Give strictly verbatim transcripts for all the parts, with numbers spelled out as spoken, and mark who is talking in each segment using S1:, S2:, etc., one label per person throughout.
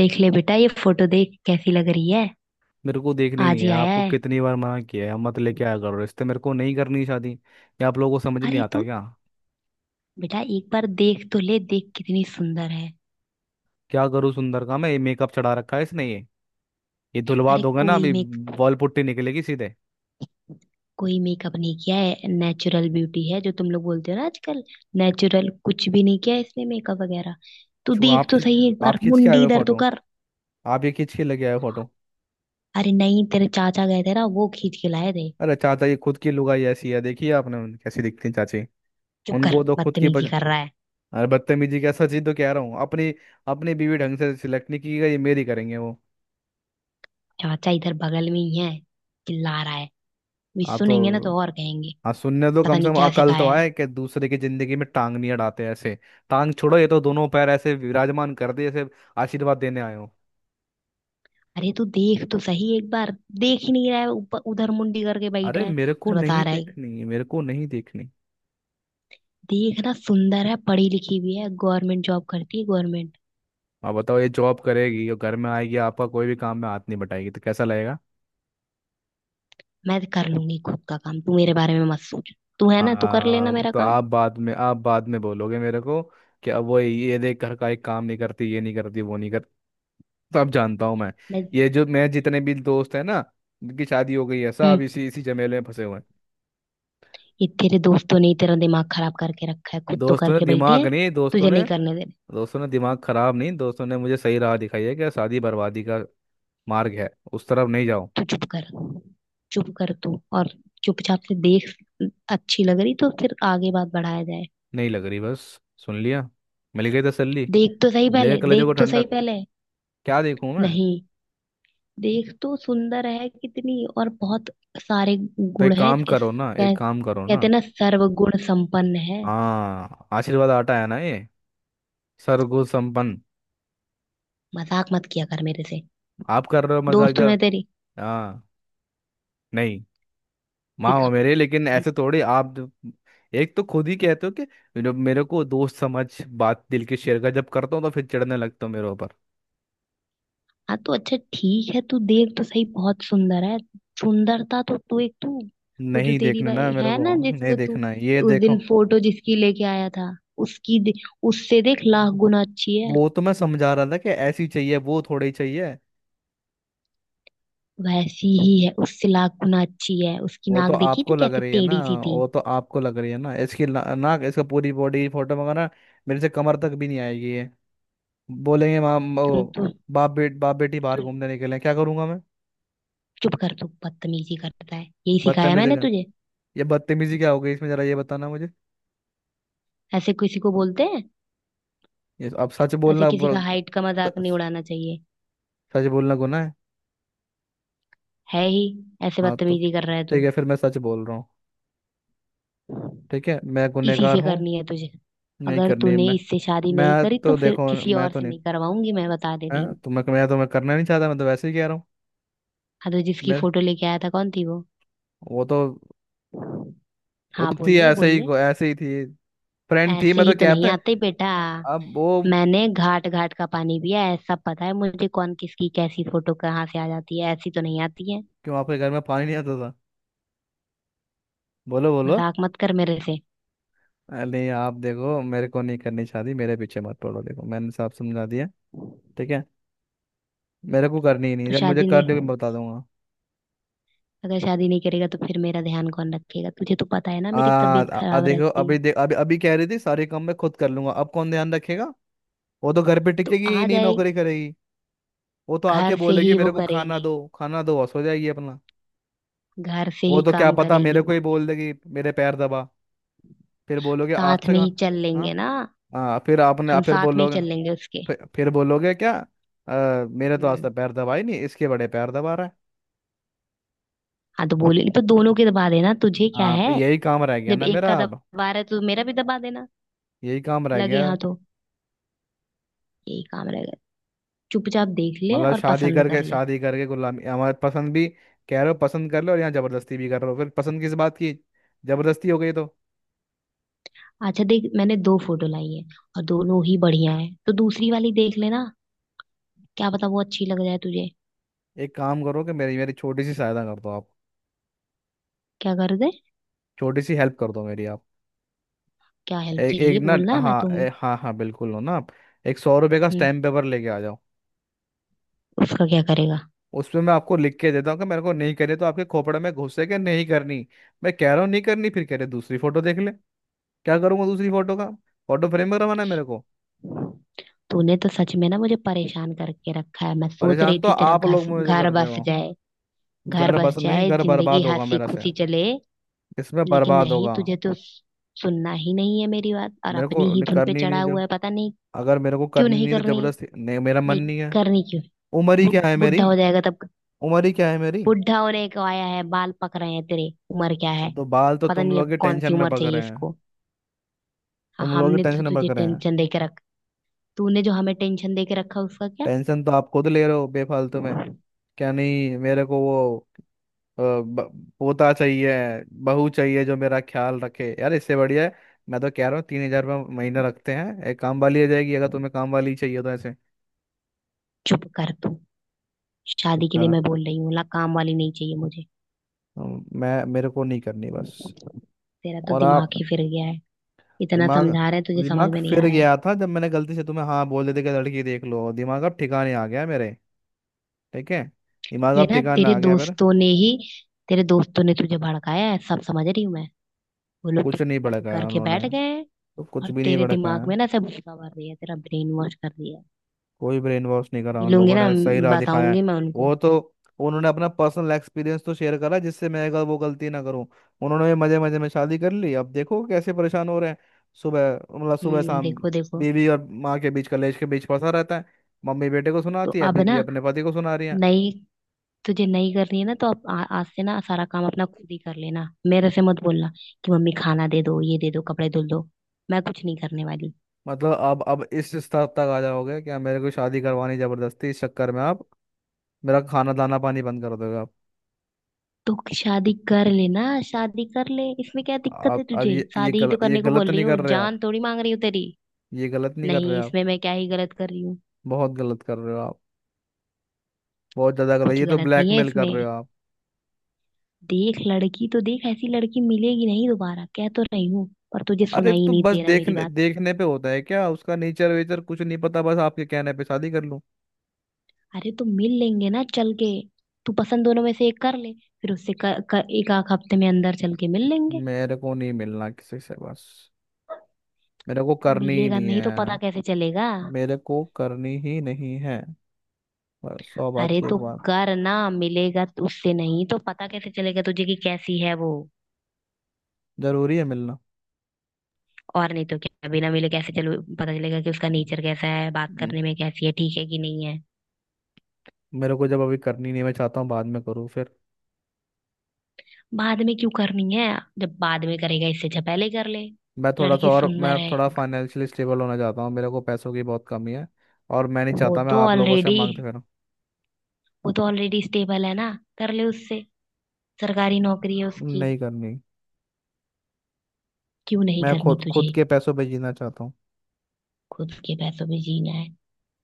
S1: देख ले बेटा, ये फोटो देख कैसी लग रही है।
S2: मेरे को देखनी नहीं
S1: आज
S2: है।
S1: ही आया
S2: आपको
S1: है।
S2: कितनी बार मना किया है, हम मत लेके आया करो रिश्ते। मेरे को नहीं करनी शादी, ये आप लोगों को समझ नहीं
S1: अरे
S2: आता
S1: तू।
S2: क्या।
S1: बेटा एक बार देख तो ले, देख कितनी सुंदर है।
S2: क्या करूँ सुंदर का, मैं ये मेकअप चढ़ा रखा है इसने। ये ये धुलवा
S1: अरे
S2: दोगे ना
S1: कोई
S2: अभी।
S1: मेक
S2: बॉल पुट्टी निकलेगी सीधे।
S1: कोई मेकअप नहीं किया है, नेचुरल ब्यूटी है जो तुम लोग बोलते हो ना आजकल। नेचुरल, कुछ भी नहीं किया है इसने मेकअप वगैरह। तू
S2: क्यों
S1: देख
S2: आप
S1: तो
S2: खिंच
S1: सही एक
S2: आप
S1: बार,
S2: खींच के आए
S1: मुंडी
S2: हुए
S1: इधर तो
S2: फोटो।
S1: कर।
S2: आप ये खींच के लेके आए हो फोटो।
S1: अरे नहीं, तेरे चाचा गए थे ना, वो खींच के लाए थे।
S2: अरे चाचा, ये खुद की लुगाई ऐसी है, देखिए आपने उन- कैसी दिखती है चाची।
S1: चुप कर,
S2: उनको तो खुद की
S1: बदतमीजी
S2: पसंद।
S1: कर रहा है।
S2: अरे बदतमीजी कैसा, चीज तो कह रहा हूँ अपनी। अपनी बीवी ढंग से सिलेक्ट नहीं की गई, ये मेरी करेंगे वो।
S1: चाचा इधर बगल में ही है, चिल्ला रहा है, भी
S2: आप
S1: सुनेंगे ना
S2: तो।
S1: तो और कहेंगे।
S2: हाँ, सुनने दो,
S1: पता
S2: कम से
S1: नहीं
S2: कम
S1: क्या
S2: अकल तो
S1: सिखाया है।
S2: आए कि दूसरे की जिंदगी में टांग नहीं अड़ाते ऐसे। टांग छोड़ो, ये तो दोनों पैर ऐसे विराजमान कर दिए जैसे आशीर्वाद देने आए हो।
S1: अरे तू देख तो सही एक बार। देख ही नहीं रहा है, ऊपर उधर मुंडी करके बैठा
S2: अरे
S1: है
S2: मेरे को
S1: और बता
S2: नहीं
S1: रहा है।
S2: देखनी, मेरे को नहीं देखनी।
S1: देखना, सुंदर है, पढ़ी लिखी भी है, गवर्नमेंट जॉब करती है, गवर्नमेंट।
S2: आप बताओ, ये जॉब करेगी और घर में आएगी, आपका कोई भी काम में हाथ नहीं बटाएगी तो कैसा लगेगा।
S1: मैं कर लूंगी खुद का काम, तू मेरे बारे में मत सोच। तू है ना, तू कर लेना
S2: हाँ
S1: मेरा
S2: तो
S1: काम।
S2: आप बाद में, आप बाद में बोलोगे मेरे को कि अब वो ये देख, घर का एक काम नहीं करती, ये नहीं करती, वो नहीं करती। तो अब जानता हूँ मैं।
S1: मैं।
S2: ये जो मैं जितने भी दोस्त है ना, जिनकी शादी हो गई है,
S1: हम्म।
S2: सब इसी इसी झमेले में फंसे हुए हैं।
S1: ये तेरे दोस्तों ने ही तेरा दिमाग खराब करके रखा है, खुद तो
S2: दोस्तों ने
S1: करके बैठे
S2: दिमाग
S1: हैं,
S2: नहीं, दोस्तों
S1: तुझे
S2: ने।
S1: नहीं करने देने।
S2: दोस्तों ने दिमाग खराब नहीं, दोस्तों ने मुझे सही राह दिखाई है कि शादी बर्बादी का मार्ग है, उस तरफ नहीं जाओ।
S1: तू चुप कर चुप कर तू। और, चुपचाप से देख, अच्छी लग रही तो फिर आगे बात बढ़ाया जाए।
S2: नहीं लग रही, बस। सुन लिया, मिल गई तसल्ली।
S1: देख तो सही
S2: मिल गई
S1: पहले
S2: कलेजों को
S1: देख तो सही
S2: ठंडक।
S1: पहले
S2: क्या देखूं मैं।
S1: नहीं, देख तो, सुंदर है कितनी, और बहुत सारे
S2: तो
S1: गुण
S2: एक
S1: है
S2: काम
S1: इसके,
S2: करो ना,
S1: कह,
S2: एक काम करो
S1: कहते
S2: ना।
S1: ना सर्वगुण संपन्न है।
S2: हाँ, आशीर्वाद आटा है ना ये। सरगुण संपन्न।
S1: मजाक मत किया कर मेरे से,
S2: आप कर रहे हो मजाक,
S1: दोस्त हूं
S2: जा।
S1: मैं तेरी।
S2: हाँ। नहीं, माँ हो
S1: दिखा
S2: मेरे, लेकिन ऐसे
S1: दिखा
S2: थोड़ी आप द- एक तो खुद ही कहते हो कि मेरे मेरे को दोस्त समझ, बात दिल की शेयर कर। जब करता हूँ तो फिर चिढ़ने लगता हूँ मेरे ऊपर।
S1: हाँ तो अच्छा ठीक है, तू देख तो सही, बहुत सुंदर है। सुंदरता तो तू, एक तू। वो जो
S2: नहीं
S1: तेरी
S2: देखना ना
S1: भाई
S2: मेरे
S1: है
S2: को।
S1: ना,
S2: नहीं
S1: जिसको तू
S2: देखना है, ये
S1: उस
S2: देखो।
S1: दिन फोटो जिसकी लेके आया था, उसकी दे- उससे देख लाख गुना अच्छी है।
S2: वो तो मैं समझा रहा था कि ऐसी चाहिए, वो थोड़ी चाहिए।
S1: वैसी ही है, उससे लाख गुना अच्छी है, उसकी
S2: वो तो
S1: नाक देखी थी
S2: आपको लग
S1: कैसे
S2: रही है ना।
S1: टेढ़ी सी थी।
S2: वो तो आपको लग रही है ना, इसकी ना, नाक इसका, पूरी बॉडी फोटो मंगाना। मेरे से कमर तक भी नहीं आएगी ये। बोलेंगे माम
S1: क्यों।
S2: ओ, बाप बेट, बाप बेटी
S1: तू
S2: बाहर घूमने निकले, क्या करूंगा मैं।
S1: चुप कर तू बदतमीजी करता है, यही सिखाया
S2: बदतमीजी
S1: मैंने
S2: का,
S1: तुझे,
S2: ये बदतमीजी क्या हो गई इसमें, जरा ये बताना मुझे।
S1: ऐसे किसी को बोलते हैं?
S2: ये अब सच
S1: ऐसे
S2: बोलना
S1: किसी का
S2: बुरा-
S1: हाइट का मजाक नहीं उड़ाना चाहिए।
S2: सच बोलना गुनाह है।
S1: है ही, ऐसे
S2: हाँ तो
S1: बदतमीजी कर रहा है
S2: ठीक
S1: तू।
S2: है, फिर मैं सच बोल रहा हूँ। ठीक है, मैं
S1: इसी
S2: गुनहगार
S1: से
S2: हूँ।
S1: करनी है तुझे।
S2: नहीं
S1: अगर
S2: करनी है।
S1: तूने
S2: मैं
S1: इससे शादी नहीं
S2: मैं
S1: करी तो
S2: तो
S1: फिर
S2: देखो,
S1: किसी
S2: मैं
S1: और
S2: तो
S1: से
S2: नहीं
S1: नहीं करवाऊंगी, मैं बता दे
S2: है
S1: रही हूँ।
S2: तो मैं मैं तो मैं करना नहीं चाहता, मैं तो वैसे ही कह रहा हूँ।
S1: हाँ तो जिसकी
S2: मेरे,
S1: फोटो लेके आया था कौन थी वो?
S2: वो तो, वो
S1: हाँ
S2: तो
S1: बोल
S2: थी
S1: ले
S2: ऐसे
S1: बोल
S2: ही,
S1: ले
S2: ऐसे ही थी फ्रेंड थी,
S1: ऐसे
S2: मैं
S1: ही
S2: तो
S1: तो
S2: कहता
S1: नहीं
S2: है।
S1: आते बेटा।
S2: अब वो,
S1: मैंने घाट घाट का पानी पिया है, सब पता है मुझे, कौन किसकी कैसी फोटो कहाँ से आ जाती है, ऐसी तो नहीं आती है।
S2: क्यों आपके घर में पानी नहीं आता था। बोलो बोलो।
S1: मजाक मत कर मेरे से।
S2: अरे नहीं, आप देखो, मेरे को नहीं करनी चाहती, मेरे पीछे मत पड़ो, देखो मैंने साफ समझा दिया। ठीक है, मेरे को करनी ही नहीं,
S1: तू
S2: जब मुझे
S1: शादी
S2: कर
S1: नहीं,
S2: दोगे मैं बता दूंगा।
S1: अगर शादी नहीं करेगा तो फिर मेरा ध्यान कौन रखेगा? तुझे तो पता है ना
S2: आ,
S1: मेरी तबीयत
S2: आ, आ
S1: खराब
S2: देखो,
S1: रहती है।
S2: अभी देख, अभी अभी कह रही थी सारे काम मैं खुद कर लूंगा, अब कौन ध्यान रखेगा। वो तो घर पे
S1: तो
S2: टिकेगी ही
S1: आ
S2: नहीं,
S1: जाए।
S2: नौकरी करेगी। वो तो आके
S1: घर से
S2: बोलेगी
S1: ही वो
S2: मेरे को खाना
S1: करेगी,
S2: दो, खाना दो, बस हो जाएगी अपना।
S1: घर से
S2: वो
S1: ही
S2: तो क्या
S1: काम
S2: पता
S1: करेगी
S2: मेरे को ही
S1: बोली।
S2: बोल देगी मेरे पैर दबा। फिर बोलोगे आज
S1: साथ
S2: तक।
S1: में
S2: हाँ।
S1: ही चल
S2: हाँ,
S1: लेंगे ना।
S2: हाँ, फिर आपने
S1: हम
S2: फिर
S1: साथ में ही
S2: बोलोगे,
S1: चल लेंगे उसके।
S2: फिर, फिर बोलोगे क्या, "अ, मेरे तो आज
S1: हम्म।
S2: तक पैर दबा ही नहीं, इसके बड़े पैर दबा रहा है"।
S1: हाँ तो बोलेगी तो दोनों के दबा देना, तुझे क्या
S2: हाँ,
S1: है?
S2: यही काम रह गया
S1: जब
S2: ना
S1: एक
S2: मेरा
S1: का
S2: अब।
S1: दबा रहा है तो मेरा भी दबा देना
S2: यही काम रह
S1: लगे।
S2: गया।
S1: हाँ तो यही काम रहेगा। चुपचाप देख ले
S2: मतलब
S1: और
S2: शादी
S1: पसंद कर
S2: करके,
S1: ले।
S2: शादी करके गुलामी। हमारे पसंद भी कह रहे हो, पसंद कर लो, और यहाँ जबरदस्ती भी कर रहे हो, फिर पसंद किस बात की, जबरदस्ती हो गई तो।
S1: अच्छा देख, मैंने दो फोटो लाई है और दोनों ही बढ़िया है, तो दूसरी वाली देख लेना, क्या पता वो अच्छी लग जाए तुझे।
S2: एक काम करो कि मेरी मेरी छोटी सी सहायता कर दो आप।
S1: क्या कर दे?
S2: छोटी सी हेल्प कर दो मेरी आप।
S1: क्या हेल्प
S2: एक एक
S1: चाहिए,
S2: ना,
S1: बोलना, मैं
S2: हाँ
S1: तो हूँ।
S2: ए, हाँ हाँ, बिल्कुल हो ना आप। एक सौ रुपये का
S1: हम्म।
S2: स्टैम्प पेपर लेके आ जाओ।
S1: उसका क्या करेगा?
S2: उसमें मैं आपको लिख के देता हूँ कि मेरे को नहीं करनी, तो आपके खोपड़े में घुसे के नहीं करनी। मैं कह रहा हूँ नहीं करनी, फिर कह रहे दूसरी फोटो देख ले। क्या करूँगा दूसरी फोटो का, फोटो फ्रेम करवाना है मेरे को।
S1: तूने तो सच में ना मुझे परेशान करके रखा है, मैं सोच
S2: परेशान
S1: रही
S2: तो
S1: थी तेरा
S2: आप
S1: घर
S2: लोग मुझे कर
S1: घर
S2: रहे
S1: बस
S2: हो।
S1: जाए, घर
S2: घर
S1: बस
S2: बस नहीं,
S1: जाए,
S2: घर
S1: जिंदगी
S2: बर्बाद होगा
S1: हंसी
S2: मेरा से।
S1: खुशी चले।
S2: इसमें
S1: लेकिन
S2: बर्बाद
S1: नहीं,
S2: होगा।
S1: तुझे तो सुनना ही नहीं है मेरी बात, और
S2: मेरे को
S1: अपनी ही
S2: न-
S1: धुन पे
S2: करनी
S1: चढ़ा
S2: नहीं
S1: हुआ
S2: जब,
S1: है। पता नहीं
S2: अगर मेरे को
S1: क्यों
S2: करनी
S1: नहीं
S2: नहीं है तो
S1: करनी है,
S2: जबरदस्ती नहीं, मेरा मन
S1: नहीं
S2: नहीं है।
S1: करनी क्यों।
S2: उम्र ही
S1: बु,
S2: क्या है
S1: बुढ़ा
S2: मेरी।
S1: हो जाएगा तब।
S2: उम्र ही क्या है मेरी।
S1: बुढ़ा होने को आया है, बाल पक रहे हैं तेरे, उम्र क्या
S2: तो,
S1: है?
S2: तो बाल तो
S1: पता
S2: तुम
S1: नहीं
S2: लोग ही
S1: अब कौन
S2: टेंशन
S1: सी
S2: में
S1: उम्र
S2: पकड़
S1: चाहिए
S2: रहे।
S1: इसको। हाँ,
S2: तुम लोग ही
S1: हमने तो
S2: टेंशन मत
S1: तुझे
S2: करें।
S1: टेंशन देके रखा, तूने जो हमें टेंशन दे के रखा है उसका क्या?
S2: टेंशन तो आप खुद ले रहे हो बेफालतू में। क्या नहीं मेरे को वो, अ, ब- पोता चाहिए, बहू चाहिए जो मेरा ख्याल रखे यार, इससे बढ़िया है। मैं तो कह रहा हूँ तीन हज़ार रुपये महीना रखते हैं, एक काम वाली आ जाएगी। अगर तुम्हें काम वाली चाहिए तो ऐसे।
S1: चुप कर तू।
S2: चुप
S1: शादी के लिए
S2: करा।
S1: मैं बोल रही हूँ, ला काम वाली नहीं चाहिए मुझे।
S2: अम, मैं मेरे को नहीं करनी बस।
S1: तेरा तो
S2: और आप।
S1: दिमाग ही फिर गया है, इतना
S2: दिमाग,
S1: समझा रहे हैं तुझे, समझ
S2: दिमाग
S1: में नहीं आ
S2: फिर
S1: रहा है।
S2: गया था जब मैंने गलती से तुम्हें हाँ बोल देते कि लड़की देख लो। दिमाग अब ठिकाने आ गया मेरे। ठीक है। दिमाग
S1: ये
S2: अब
S1: ना
S2: ठिकाने
S1: तेरे
S2: आ गया मेरे।
S1: दोस्तों ने ही, तेरे दोस्तों ने तुझे भड़काया है, सब समझ रही हूँ मैं। वो लोग तो
S2: कुछ नहीं
S1: खुद
S2: भड़काया
S1: करके
S2: उन्होंने।
S1: बैठ गए हैं,
S2: तो कुछ
S1: और
S2: भी नहीं
S1: तेरे
S2: भड़काया।
S1: दिमाग में ना सब भूसा भर दिया है, तेरा ब्रेन वॉश कर दिया है।
S2: कोई ब्रेन वॉश नहीं करा उन
S1: मिलूंगी
S2: लोगों
S1: ना,
S2: ने, सही राह दिखाया है।
S1: बताऊंगी मैं उनको।
S2: वो तो उन्होंने अपना पर्सनल एक्सपीरियंस तो शेयर करा, जिससे मैं अगर वो गलती ना करूं। उन्होंने मजे मजे में शादी कर ली, अब देखो कैसे परेशान हो रहे हैं। सुबह, मतलब सुबह
S1: हम्म,
S2: शाम
S1: देखो देखो।
S2: बीवी और माँ के बीच, कलेश के बीच फंसा रहता है। मम्मी बेटे को
S1: तो
S2: सुनाती है,
S1: अब
S2: बीवी
S1: ना,
S2: अपने पति को सुना रही है।
S1: नई, तुझे नहीं करनी है ना तो आप, आ, आज से ना सारा काम अपना खुद ही कर लेना, मेरे से मत बोलना कि मम्मी खाना दे दो, ये दे दो, कपड़े धुल दो। मैं कुछ नहीं करने वाली।
S2: मतलब अब अब इस स्तर तक आ जाओगे क्या, मेरे को शादी करवानी जबरदस्ती, इस चक्कर में आप मेरा खाना दाना पानी बंद कर दोगे आप।
S1: तो शादी कर लेना, शादी कर ले, इसमें क्या दिक्कत है
S2: आप अब
S1: तुझे?
S2: ये ये
S1: शादी ही तो
S2: गलत, ये
S1: करने को
S2: गलत
S1: बोल रही
S2: नहीं
S1: हूँ,
S2: कर रहे आप।
S1: जान थोड़ी मांग रही हूँ तेरी।
S2: ये गलत नहीं कर रहे
S1: नहीं,
S2: आप।
S1: इसमें मैं क्या ही गलत कर रही हूँ?
S2: बहुत गलत कर रहे हो आप। बहुत ज्यादा कर रहे,
S1: कुछ
S2: ये तो
S1: गलत नहीं है
S2: ब्लैकमेल कर
S1: इसमें।
S2: रहे हो आप।
S1: देख, लड़की तो देख, ऐसी लड़की मिलेगी नहीं दोबारा, कह तो रही हूँ, पर तुझे सुना
S2: अरे
S1: ही
S2: तो
S1: नहीं
S2: बस
S1: दे रहा मेरी
S2: देखने
S1: बात।
S2: देखने पे होता है क्या, उसका नेचर वेचर कुछ नहीं पता, बस आपके कहने पे शादी कर लूं।
S1: अरे तो मिल लेंगे ना चल के। तू पसंद दोनों में से एक कर ले, फिर उससे कर, कर, एक आध हफ्ते में अंदर चल के मिल लेंगे।
S2: मेरे को नहीं मिलना किसी से बस। मेरे को करनी ही
S1: मिलेगा
S2: नहीं
S1: नहीं तो पता
S2: है।
S1: कैसे चलेगा?
S2: मेरे को करनी ही नहीं है, बस सौ बात
S1: अरे
S2: की
S1: तो
S2: एक बात।
S1: कर ना, मिलेगा तो उससे, नहीं तो पता कैसे चलेगा तुझे कि कैसी है वो।
S2: जरूरी है मिलना।
S1: और नहीं तो क्या, बिना मिले कैसे चलो पता चलेगा कि उसका नेचर कैसा है, बात
S2: हम्म,
S1: करने में कैसी है, ठीक है कि नहीं है।
S2: मेरे को जब अभी करनी नहीं है, मैं चाहता हूँ बाद में करूँ फिर।
S1: बाद में क्यों करनी है? जब बाद में करेगा, इससे अच्छा पहले ही कर ले।
S2: मैं थोड़ा सा
S1: लड़की
S2: और,
S1: सुंदर
S2: मैं
S1: है,
S2: थोड़ा फाइनेंशियली स्टेबल होना चाहता हूँ, मेरे को पैसों की बहुत कमी है। और मैं नहीं
S1: वो
S2: चाहता मैं
S1: तो
S2: आप लोगों से
S1: ऑलरेडी,
S2: मांगते फिर।
S1: वो तो ऑलरेडी स्टेबल है ना, कर ले उससे, सरकारी नौकरी है उसकी।
S2: नहीं करनी।
S1: क्यों नहीं
S2: मैं
S1: करनी
S2: खुद खुद
S1: तुझे?
S2: के पैसों पे जीना चाहता हूँ।
S1: खुद के पैसों पे जीना है?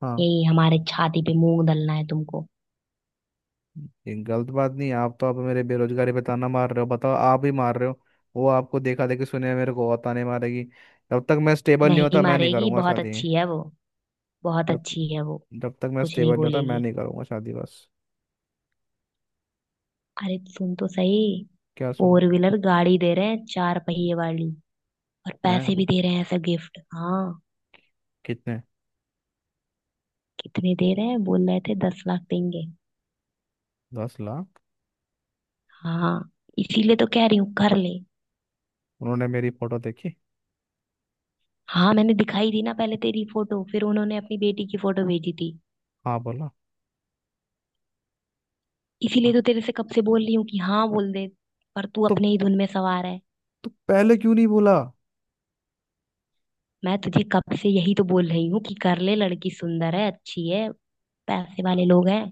S2: हाँ।
S1: यही हमारे छाती पे मूंग दलना है तुमको।
S2: ये गलत बात नहीं है आप, तो आप मेरे बेरोजगारी पे ताना मार रहे हो, बताओ आप ही मार रहे हो। वो आपको देखा देखी सुने मेरे को और ताने मारेगी। जब तक मैं स्टेबल नहीं
S1: नहीं
S2: होता, मैं नहीं
S1: मारेगी,
S2: करूँगा
S1: बहुत
S2: शादी।
S1: अच्छी है वो, बहुत
S2: जब
S1: अच्छी है वो,
S2: जब तक मैं
S1: कुछ नहीं
S2: स्टेबल नहीं होता, मैं
S1: बोलेगी।
S2: नहीं करूँगा शादी बस।
S1: अरे सुन तो सही,
S2: क्या सुनूं।
S1: फोर व्हीलर गाड़ी दे रहे हैं, चार पहिए वाली, और पैसे
S2: हैं,
S1: भी दे रहे हैं, ऐसा गिफ्ट। हाँ,
S2: कितने।
S1: कितने दे रहे हैं? बोल रहे थे दस लाख देंगे।
S2: दस लाख।
S1: हाँ, इसीलिए तो कह रही हूँ कर ले।
S2: उन्होंने मेरी फोटो देखी।
S1: हाँ, मैंने दिखाई दी ना पहले तेरी फोटो, फिर उन्होंने अपनी बेटी की फोटो भेजी थी।
S2: हाँ बोला।
S1: इसीलिए
S2: हाँ।
S1: तो तेरे से कब से बोल रही हूँ कि हाँ बोल दे, पर तू
S2: तो,
S1: अपने ही धुन में सवार है।
S2: तो पहले क्यों नहीं बोला।
S1: मैं तुझे कब से यही तो बोल रही हूँ कि कर ले, लड़की सुंदर है, अच्छी है, पैसे वाले लोग हैं।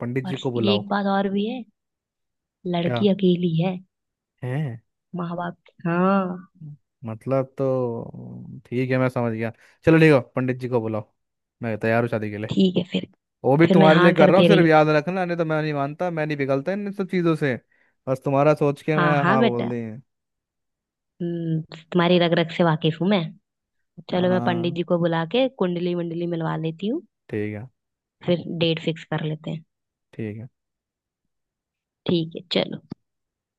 S2: पंडित जी
S1: और
S2: को
S1: ये
S2: बुलाओ।
S1: एक बात और भी है,
S2: क्या
S1: लड़की अकेली है,
S2: है।
S1: माँ बाप। हाँ।
S2: मतलब तो ठीक है, मैं समझ गया। चलो ठीक है, पंडित जी को बुलाओ। मैं तैयार हूँ शादी के लिए।
S1: ठीक है फिर
S2: वो भी
S1: फिर मैं
S2: तुम्हारे लिए
S1: हाँ
S2: कर
S1: कर
S2: रहा हूँ
S1: दे रही
S2: सिर्फ,
S1: हूँ।
S2: याद रखना, नहीं तो मैं नहीं मानता, मैं नहीं पिघलता इन सब चीज़ों से। बस तुम्हारा सोच के
S1: हाँ
S2: मैं
S1: हाँ
S2: हाँ बोल
S1: बेटा।
S2: दी।
S1: हम्म, तुम्हारी रग रग से वाकिफ हूँ मैं। चलो मैं पंडित
S2: हाँ।
S1: जी को बुला के कुंडली वंडली मिलवा लेती हूँ,
S2: ठीक है।
S1: फिर डेट फिक्स कर लेते हैं।
S2: ठीक है।
S1: ठीक है चलो।